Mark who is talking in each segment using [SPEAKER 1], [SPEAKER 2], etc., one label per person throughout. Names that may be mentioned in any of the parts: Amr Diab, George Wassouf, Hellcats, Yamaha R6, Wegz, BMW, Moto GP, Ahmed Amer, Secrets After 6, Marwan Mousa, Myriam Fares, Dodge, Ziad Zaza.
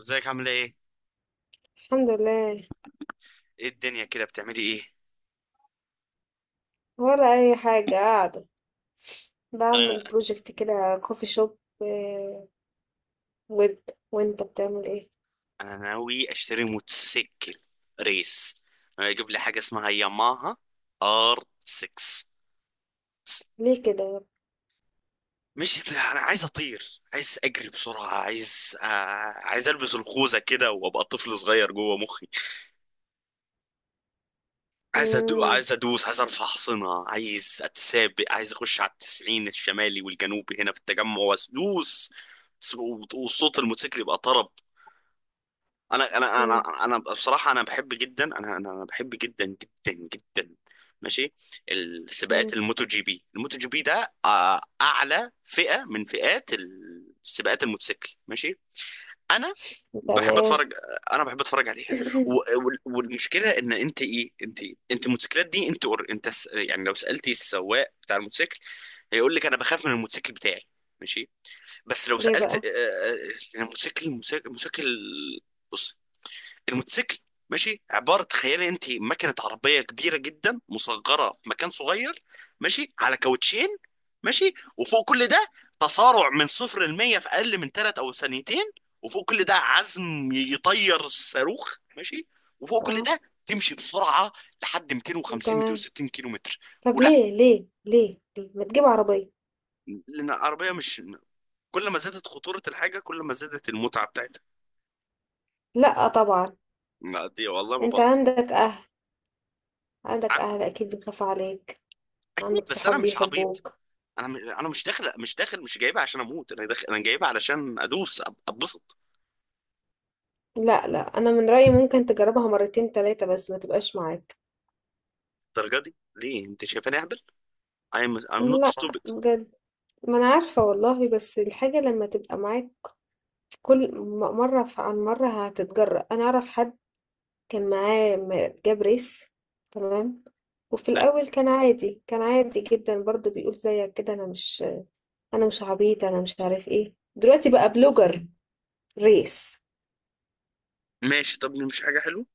[SPEAKER 1] ازيك، عامله ايه؟
[SPEAKER 2] الحمد لله.
[SPEAKER 1] ايه الدنيا كده، بتعملي ايه؟
[SPEAKER 2] ولا اي حاجه، قاعده بعمل
[SPEAKER 1] انا
[SPEAKER 2] بروجكت كده، كوفي شوب ويب. وانت بتعمل ايه؟
[SPEAKER 1] انا ناوي اشتري موتوسيكل ريس. انا اجيب لي حاجه اسمها ياماها ار 6.
[SPEAKER 2] ليه كده يا.
[SPEAKER 1] مش انا عايز اطير، عايز اجري بسرعه، عايز عايز البس الخوذه كده وابقى طفل صغير جوه مخي.
[SPEAKER 2] مم.
[SPEAKER 1] عايز ادوس، عايز ارفع حصنه، عايز اتسابق، عايز اخش على التسعين الشمالي والجنوبي هنا في التجمع وادوس. وصوت الموتوسيكل يبقى طرب. انا انا
[SPEAKER 2] مم.
[SPEAKER 1] انا انا بصراحه، انا بحب جدا. انا بحب جدا جدا جدا. ماشي. السباقات
[SPEAKER 2] مم.
[SPEAKER 1] الموتو جي بي، الموتو جي بي ده اعلى فئه من فئات السباقات الموتوسيكل. ماشي. انا بحب
[SPEAKER 2] تمام.
[SPEAKER 1] اتفرج، انا بحب اتفرج عليها. و- والمشكله ان انت ايه؟ انت انت الموتوسيكلات دي، انت يعني لو سالتي السواق بتاع الموتوسيكل، هيقول لك انا بخاف من الموتوسيكل بتاعي. ماشي. بس لو
[SPEAKER 2] ليه بقى؟
[SPEAKER 1] سالت، الموتوسيكل، بص، الموتوسيكل ماشي. عباره، تخيلي انت مكنه عربيه كبيره جدا مصغره في مكان صغير، ماشي، على كاوتشين، ماشي، وفوق كل ده تسارع من صفر ل 100 في اقل من 3 او ثانيتين. وفوق كل ده عزم يطير الصاروخ، ماشي. وفوق كل
[SPEAKER 2] اه.
[SPEAKER 1] ده تمشي بسرعه لحد 250
[SPEAKER 2] تمام.
[SPEAKER 1] 260 كيلو متر.
[SPEAKER 2] طب
[SPEAKER 1] ولا،
[SPEAKER 2] ليه ما تجيب عربيه؟
[SPEAKER 1] لان العربيه مش، كل ما زادت خطوره الحاجه كل ما زادت المتعه بتاعتها.
[SPEAKER 2] لا طبعا.
[SPEAKER 1] لا دي والله ما
[SPEAKER 2] انت
[SPEAKER 1] بهزر.
[SPEAKER 2] عندك اهل، عندك
[SPEAKER 1] ع-
[SPEAKER 2] اهل اكيد بيخافوا عليك.
[SPEAKER 1] اكيد،
[SPEAKER 2] عندك
[SPEAKER 1] بس انا
[SPEAKER 2] صحاب
[SPEAKER 1] مش عبيط.
[SPEAKER 2] بيحبوك.
[SPEAKER 1] انا مش داخل، مش داخل، مش جايبها عشان اموت، انا داخل، انا جايبها علشان ادوس، اتبسط
[SPEAKER 2] لا، لا، انا من رايي ممكن تجربها مرتين تلاتة، بس ما تبقاش معاك.
[SPEAKER 1] الدرجه دي. ليه، انت شايفاني اهبل؟ I'm not
[SPEAKER 2] لا.
[SPEAKER 1] stupid.
[SPEAKER 2] بجد. ما أنا عارفة والله، بس الحاجة لما تبقى معاك في كل مرة عن مرة هتتجرأ. أنا أعرف حد كان معاه جاب ريس. تمام. وفي
[SPEAKER 1] لا.
[SPEAKER 2] الأول كان عادي جدا برضو، بيقول زيك كده: أنا مش عبيط، أنا مش عارف إيه. دلوقتي بقى بلوجر ريس.
[SPEAKER 1] ماشي، طب مش حاجه حلوه.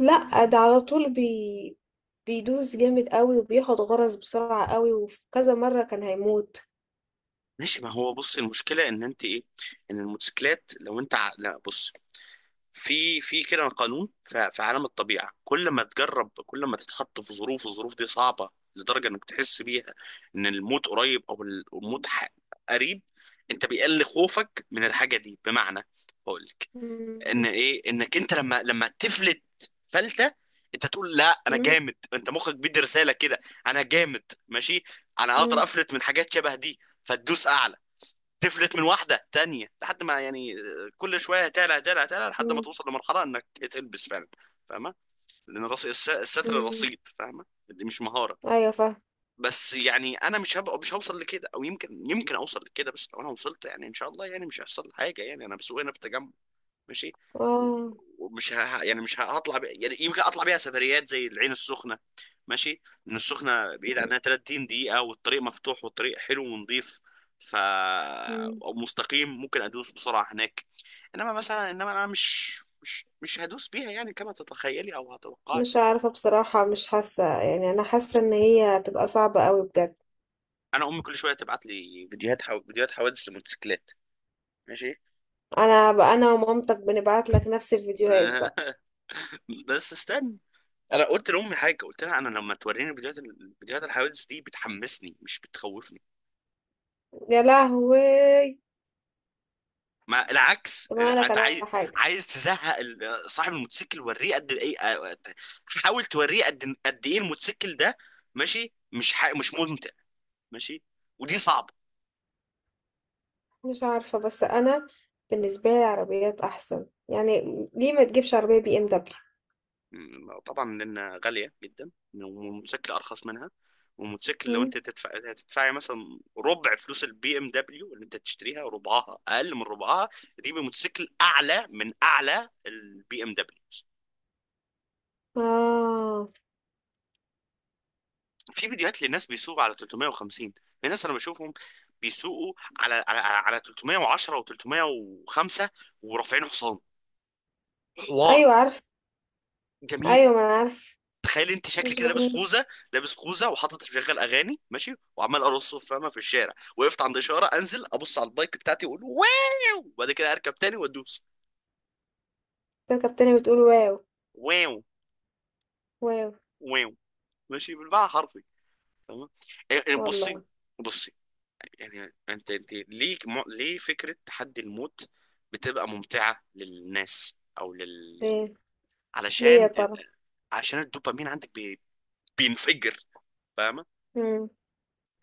[SPEAKER 2] لأ ده على طول بيدوس جامد قوي، وبياخد غرز بسرعة قوي، وفي كذا مرة كان هيموت.
[SPEAKER 1] ماشي، ما هو بص، المشكله ان انت ايه، ان الموتوسيكلات لو انت لا، بص، في كده قانون في عالم الطبيعه، كل ما تجرب، كل ما تتحط في ظروف، الظروف دي صعبه لدرجه انك تحس بيها ان الموت قريب، او الموت قريب، انت بيقل خوفك من الحاجه دي. بمعنى، هقول لك ان
[SPEAKER 2] مم.
[SPEAKER 1] ايه، انك انت لما تفلت فلتة، انت تقول لا انا
[SPEAKER 2] مم.
[SPEAKER 1] جامد، انت مخك بيدي رسالة كده، انا جامد، ماشي، انا اقدر
[SPEAKER 2] مم.
[SPEAKER 1] افلت من حاجات شبه دي. فتدوس اعلى، تفلت من واحدة تانية، لحد ما يعني كل شوية تعلى تعلى تعلى لحد ما
[SPEAKER 2] مم.
[SPEAKER 1] توصل لمرحلة انك تلبس فعلا. فاهمة؟ لان الستر
[SPEAKER 2] مم.
[SPEAKER 1] رصيد، فاهمة، دي مش مهارة.
[SPEAKER 2] أيوة فاهمة.
[SPEAKER 1] بس يعني انا مش هبقى، مش هوصل لكده، او يمكن اوصل لكده، بس لو انا وصلت يعني ان شاء الله يعني مش هيحصل لي حاجة، يعني انا بسوق هنا في التجمع، ماشي،
[SPEAKER 2] اه.
[SPEAKER 1] يعني مش هطلع ب... يعني يمكن اطلع بيها سفريات زي العين السخنه. ماشي، لان السخنه بعيد عنها 30 دقيقه، والطريق مفتوح والطريق حلو ونظيف، ف
[SPEAKER 2] مم.
[SPEAKER 1] او مستقيم، ممكن ادوس بسرعه هناك. انما مثلا، انما انا مش هدوس بيها يعني كما تتخيلي او هتوقعي.
[SPEAKER 2] مش عارفة بصراحة، مش حاسة يعني، أنا حاسة إن هي هتبقى صعبة قوي بجد.
[SPEAKER 1] انا امي كل شويه تبعت لي فيديوهات، فيديوهات حوادث لموتوسيكلات. ماشي.
[SPEAKER 2] أنا بقى أنا ومامتك بنبعت لك نفس الفيديوهات بقى.
[SPEAKER 1] بس استنى، انا قلت لامي حاجه، قلت لها انا لما توريني فيديوهات، فيديوهات الحوادث دي بتحمسني مش بتخوفني.
[SPEAKER 2] يا لهوي.
[SPEAKER 1] ما العكس،
[SPEAKER 2] طب أنا أقولك
[SPEAKER 1] انت
[SPEAKER 2] على
[SPEAKER 1] عايز
[SPEAKER 2] حاجة.
[SPEAKER 1] عايز تزهق صاحب الموتوسيكل، وريه قد ايه، حاول توريه قد ايه الموتوسيكل ده. ماشي، مش ممتع. ماشي، ودي صعبه.
[SPEAKER 2] مش عارفة، بس أنا بالنسبة لي العربيات أحسن يعني. ليه ما تجيبش عربية بي إم دبليو؟
[SPEAKER 1] طبعا، لأنها غالية جدا والموتوسيكل أرخص منها. والموتوسيكل لو أنت تدفع، هتدفعي مثلا ربع فلوس البي ام دبليو اللي أنت تشتريها، ربعها، أقل من ربعها، دي بموتوسيكل أعلى من أعلى البي ام دبليو.
[SPEAKER 2] آه.
[SPEAKER 1] في فيديوهات لناس بيسوقوا على 350، في ناس أنا بشوفهم بيسوقوا على 310 و305، ورافعين حصان حوار
[SPEAKER 2] أيوة عارفة.
[SPEAKER 1] جميل.
[SPEAKER 2] أيوة ما أنا عارفة.
[SPEAKER 1] تخيل انت شكل
[SPEAKER 2] مش
[SPEAKER 1] كده لابس
[SPEAKER 2] جميل.
[SPEAKER 1] خوذه، لابس خوذه وحاطط شغال اغاني، ماشي، وعمال ارقص، فاهمه، في الشارع وقفت عند اشاره، انزل ابص على البايك بتاعتي واقول واو، وبعد كده اركب تاني وادوس.
[SPEAKER 2] تركب تاني بتقول واو؟
[SPEAKER 1] واو.
[SPEAKER 2] واو.
[SPEAKER 1] واو. ماشي، بالمعنى حرفي. تمام. يعني بصي
[SPEAKER 2] والله.
[SPEAKER 1] بصي يعني انت ليه ليه فكره تحدي الموت بتبقى ممتعه للناس او لل...
[SPEAKER 2] ليه؟ ليه يا
[SPEAKER 1] علشان
[SPEAKER 2] ترى؟
[SPEAKER 1] عشان الدوبامين عندك بينفجر. فاهمه؟
[SPEAKER 2] مم.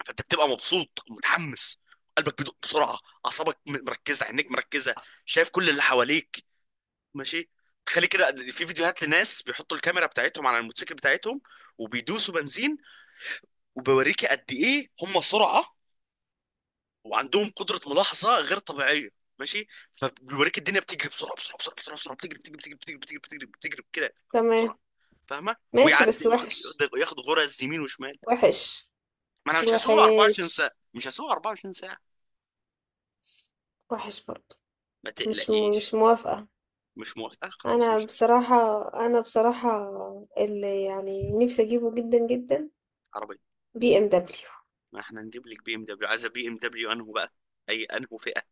[SPEAKER 1] فانت بتبقى مبسوط متحمس، قلبك بيدق بسرعه، اعصابك مركزه، عينيك مركزه، شايف كل اللي حواليك. ماشي. تخلي كده، في فيديوهات لناس بيحطوا الكاميرا بتاعتهم على الموتوسيكل بتاعتهم وبيدوسوا بنزين، وبيوريك قد ايه هم سرعه، وعندهم قدره ملاحظه غير طبيعيه. ماشي. فبيوريك الدنيا بتجري بسرعه بسرعه بسرعه بسرعه، بسرعة، بتجري بتجري بتجري بتجري بتجري بتجري بتجري كده
[SPEAKER 2] تمام.
[SPEAKER 1] بسرعه. فاهمه؟
[SPEAKER 2] ماشي
[SPEAKER 1] ويعدي
[SPEAKER 2] بس
[SPEAKER 1] ياخد،
[SPEAKER 2] وحش.
[SPEAKER 1] ياخد غرز يمين وشمال.
[SPEAKER 2] وحش.
[SPEAKER 1] ما انا مش هسوق
[SPEAKER 2] وحش.
[SPEAKER 1] 24 ساعه، مش هسوق 24 ساعه،
[SPEAKER 2] وحش برضه.
[SPEAKER 1] ما تقلقيش.
[SPEAKER 2] مش موافقة.
[SPEAKER 1] مش موافقة، خلاص
[SPEAKER 2] انا
[SPEAKER 1] مش هشتري
[SPEAKER 2] بصراحة انا بصراحة اللي يعني نفسي اجيبه جدا جدا،
[SPEAKER 1] عربية.
[SPEAKER 2] بي ام دبليو.
[SPEAKER 1] ما احنا نجيب لك بي ام دبليو. عايزة بي ام دبليو انه بقى، اي انه فئة؟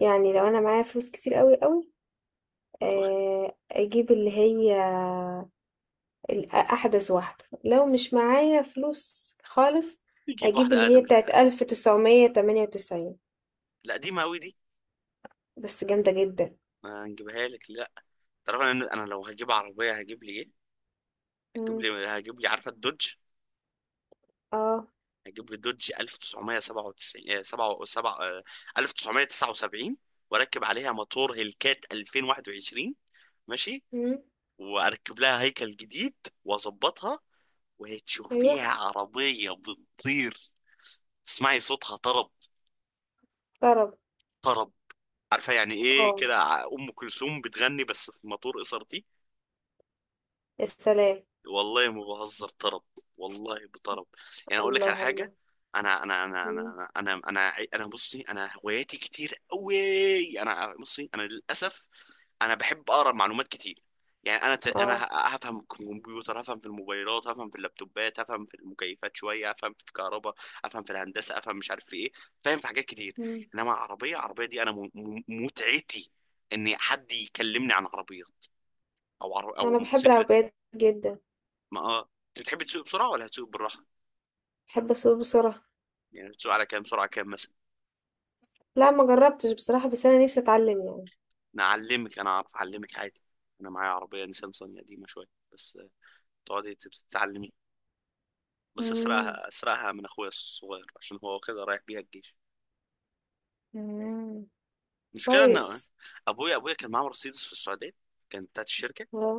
[SPEAKER 2] يعني لو انا معايا فلوس كتير قوي قوي،
[SPEAKER 1] ايوه،
[SPEAKER 2] اجيب اللي هي احدث واحدة. لو مش معايا فلوس خالص
[SPEAKER 1] نجيب
[SPEAKER 2] اجيب اللي
[SPEAKER 1] واحدة
[SPEAKER 2] هي
[SPEAKER 1] ادم.
[SPEAKER 2] بتاعت 1998.
[SPEAKER 1] لا دي قوي دي،
[SPEAKER 2] بس جامدة جدا.
[SPEAKER 1] ما نجيبها لك. لا طبعا، انا لو هجيب عربية، هجيب لي ايه؟ هجيب
[SPEAKER 2] مم.
[SPEAKER 1] لي هجيب لي عارفة الدوج؟
[SPEAKER 2] اه.
[SPEAKER 1] هجيب لي دوج 1997، 7، 7، 1979، واركب عليها موتور هيلكات 2021، ماشي،
[SPEAKER 2] مم.
[SPEAKER 1] واركب لها هيكل جديد، واظبطها،
[SPEAKER 2] ايوه.
[SPEAKER 1] وهتشوفيها عربية بتطير. تسمعي صوتها طرب.
[SPEAKER 2] طرب.
[SPEAKER 1] طرب. عارفه يعني ايه
[SPEAKER 2] اه.
[SPEAKER 1] كده، ام كلثوم بتغني بس في مطور اسرتي.
[SPEAKER 2] السلام.
[SPEAKER 1] والله ما بهزر، طرب، والله بطرب. يعني اقول لك على
[SPEAKER 2] الله الله.
[SPEAKER 1] حاجه، انا انا انا انا
[SPEAKER 2] مم.
[SPEAKER 1] انا انا انا أنا بصي، انا هواياتي كتير قوي، انا بصي، انا للاسف، انا بحب اقرا معلومات كتير. يعني انا،
[SPEAKER 2] اه.
[SPEAKER 1] هفهم في الكمبيوتر، هفهم في الموبايلات، هفهم في اللابتوبات، هفهم في المكيفات، شويه افهم في الكهرباء، افهم في الهندسه، افهم مش عارف في ايه، فاهم في حاجات كتير.
[SPEAKER 2] مم.
[SPEAKER 1] انما عربيه، عربيه دي انا، متعتي ان حد يكلمني عن عربيات، او
[SPEAKER 2] انا بحب
[SPEAKER 1] موتوسيكل.
[SPEAKER 2] العربيات جدا.
[SPEAKER 1] ما اه، انت بتحب تسوق بسرعه ولا هتسوق بالراحه؟
[SPEAKER 2] بحب اسوق بسرعه.
[SPEAKER 1] يعني بتسوق على كام سرعه، كام مثلا؟
[SPEAKER 2] لا ما جربتش بصراحه، بس انا نفسي اتعلم يعني.
[SPEAKER 1] انا اعلمك، انا اعرف اعلمك عادي، انا معايا عربيه نيسان صني قديمه شويه، بس تقعدي تتعلمي، بس
[SPEAKER 2] مم.
[SPEAKER 1] اسرقها، اسرقها من اخويا الصغير عشان هو واخدها رايح بيها الجيش.
[SPEAKER 2] مم.
[SPEAKER 1] المشكله ان
[SPEAKER 2] كويس.
[SPEAKER 1] ابويا، ابويا كان معاه مرسيدس في السعوديه، كانت بتاعت الشركه،
[SPEAKER 2] اه.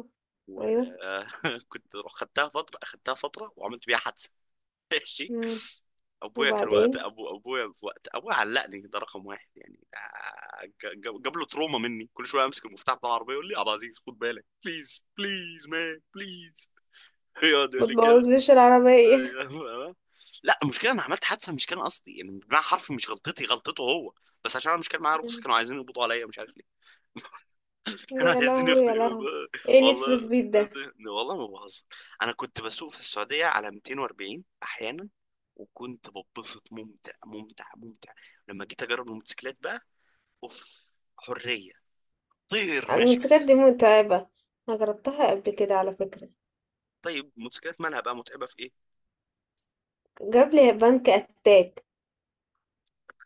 [SPEAKER 2] ايوه.
[SPEAKER 1] وكنت خدتها فتره، اخدتها فتره وعملت بيها حادثه. ماشي.
[SPEAKER 2] مم.
[SPEAKER 1] ابويا كان وقت
[SPEAKER 2] وبعدين؟
[SPEAKER 1] ابويا، في وقت ابويا علقني ده رقم واحد يعني، جاب له تروما مني، كل شويه امسك المفتاح بتاع العربيه يقول لي يا عبد العزيز خد بالك، بليز بليز مان بليز. يقعد
[SPEAKER 2] ما
[SPEAKER 1] يقول لي كده.
[SPEAKER 2] تبوظليش العربيه.
[SPEAKER 1] أيوة. لا، المشكله انا عملت حادثه مش كان قصدي، يعني بمعنى حرفي مش غلطتي، غلطته هو، بس عشان انا مش كان معايا رخصه
[SPEAKER 2] مم.
[SPEAKER 1] كانوا عايزين يقبضوا عليا، مش عارف ليه، كانوا
[SPEAKER 2] يا
[SPEAKER 1] عايزين
[SPEAKER 2] لهوي يا
[SPEAKER 1] يخطئوا.
[SPEAKER 2] لهوي. ايه نيد
[SPEAKER 1] والله،
[SPEAKER 2] فور سبيد ده؟
[SPEAKER 1] والله ما بهزر، انا كنت بسوق في السعوديه على 240 احيانا، وكنت ببسط، ممتع ممتع ممتع. لما جيت اجرب الموتوسيكلات بقى، اوف، حريه، طير، ماشي
[SPEAKER 2] الموتوسيكلات
[SPEAKER 1] بس.
[SPEAKER 2] دي متعبه. انا جربتها قبل كده على فكره.
[SPEAKER 1] طيب الموتوسيكلات مالها بقى متعبه في ايه؟
[SPEAKER 2] جاب لي بنك اتاك.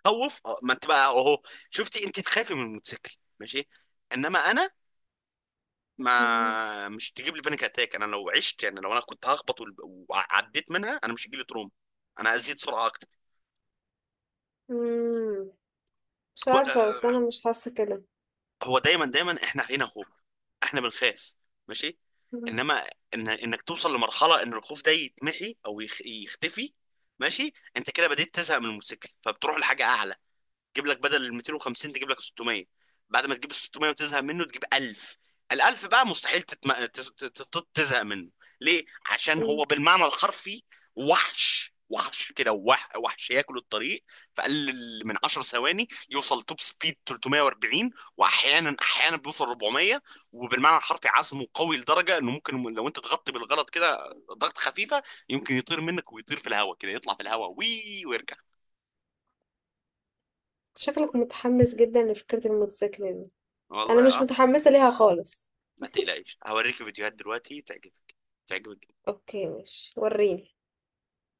[SPEAKER 1] خوف، اه، ما انت بقى اهو، شفتي؟ انت تخافي من الموتوسيكل، ماشي. انما انا،
[SPEAKER 2] مم.
[SPEAKER 1] ما مش تجيب لي بانيك اتاك، انا لو عشت يعني، لو انا كنت هخبط وعديت منها، انا مش هيجي لي تروما، انا ازيد سرعه اكتر.
[SPEAKER 2] مم. مش عارفه، بس انا مش حاسه كده.
[SPEAKER 1] هو دايما دايما احنا فينا خوف، احنا بنخاف، ماشي، انما إن انك توصل لمرحله ان الخوف ده يتمحي او يختفي. ماشي، انت كده بديت تزهق من الموتوسيكل، فبتروح لحاجه اعلى، تجيب لك بدل ال 250، تجيب لك 600. بعد ما تجيب ال 600 وتزهق منه، تجيب 1000. الألف بقى مستحيل تتم... ت- ت- ت- تزهق منه. ليه؟ عشان
[SPEAKER 2] مم.
[SPEAKER 1] هو بالمعنى الحرفي وحش، وحش كده، وحش، ياكل الطريق. في أقل من 10 ثواني يوصل توب سبيد 340. وأحيانا بيوصل 400. وبالمعنى الحرفي عزمه قوي لدرجة إنه ممكن لو أنت تغطي بالغلط كده ضغط خفيفة، يمكن يطير منك، ويطير في الهواء كده، يطلع في الهواء ويرجع.
[SPEAKER 2] شكلك متحمس جدا لفكرة الموتوسيكل دي. انا
[SPEAKER 1] والله
[SPEAKER 2] مش
[SPEAKER 1] اه،
[SPEAKER 2] متحمسة ليها خالص.
[SPEAKER 1] ما تقلقش، هوريك فيديوهات دلوقتي تعجبك. تعجبك.
[SPEAKER 2] اوكي، ماشي وريني.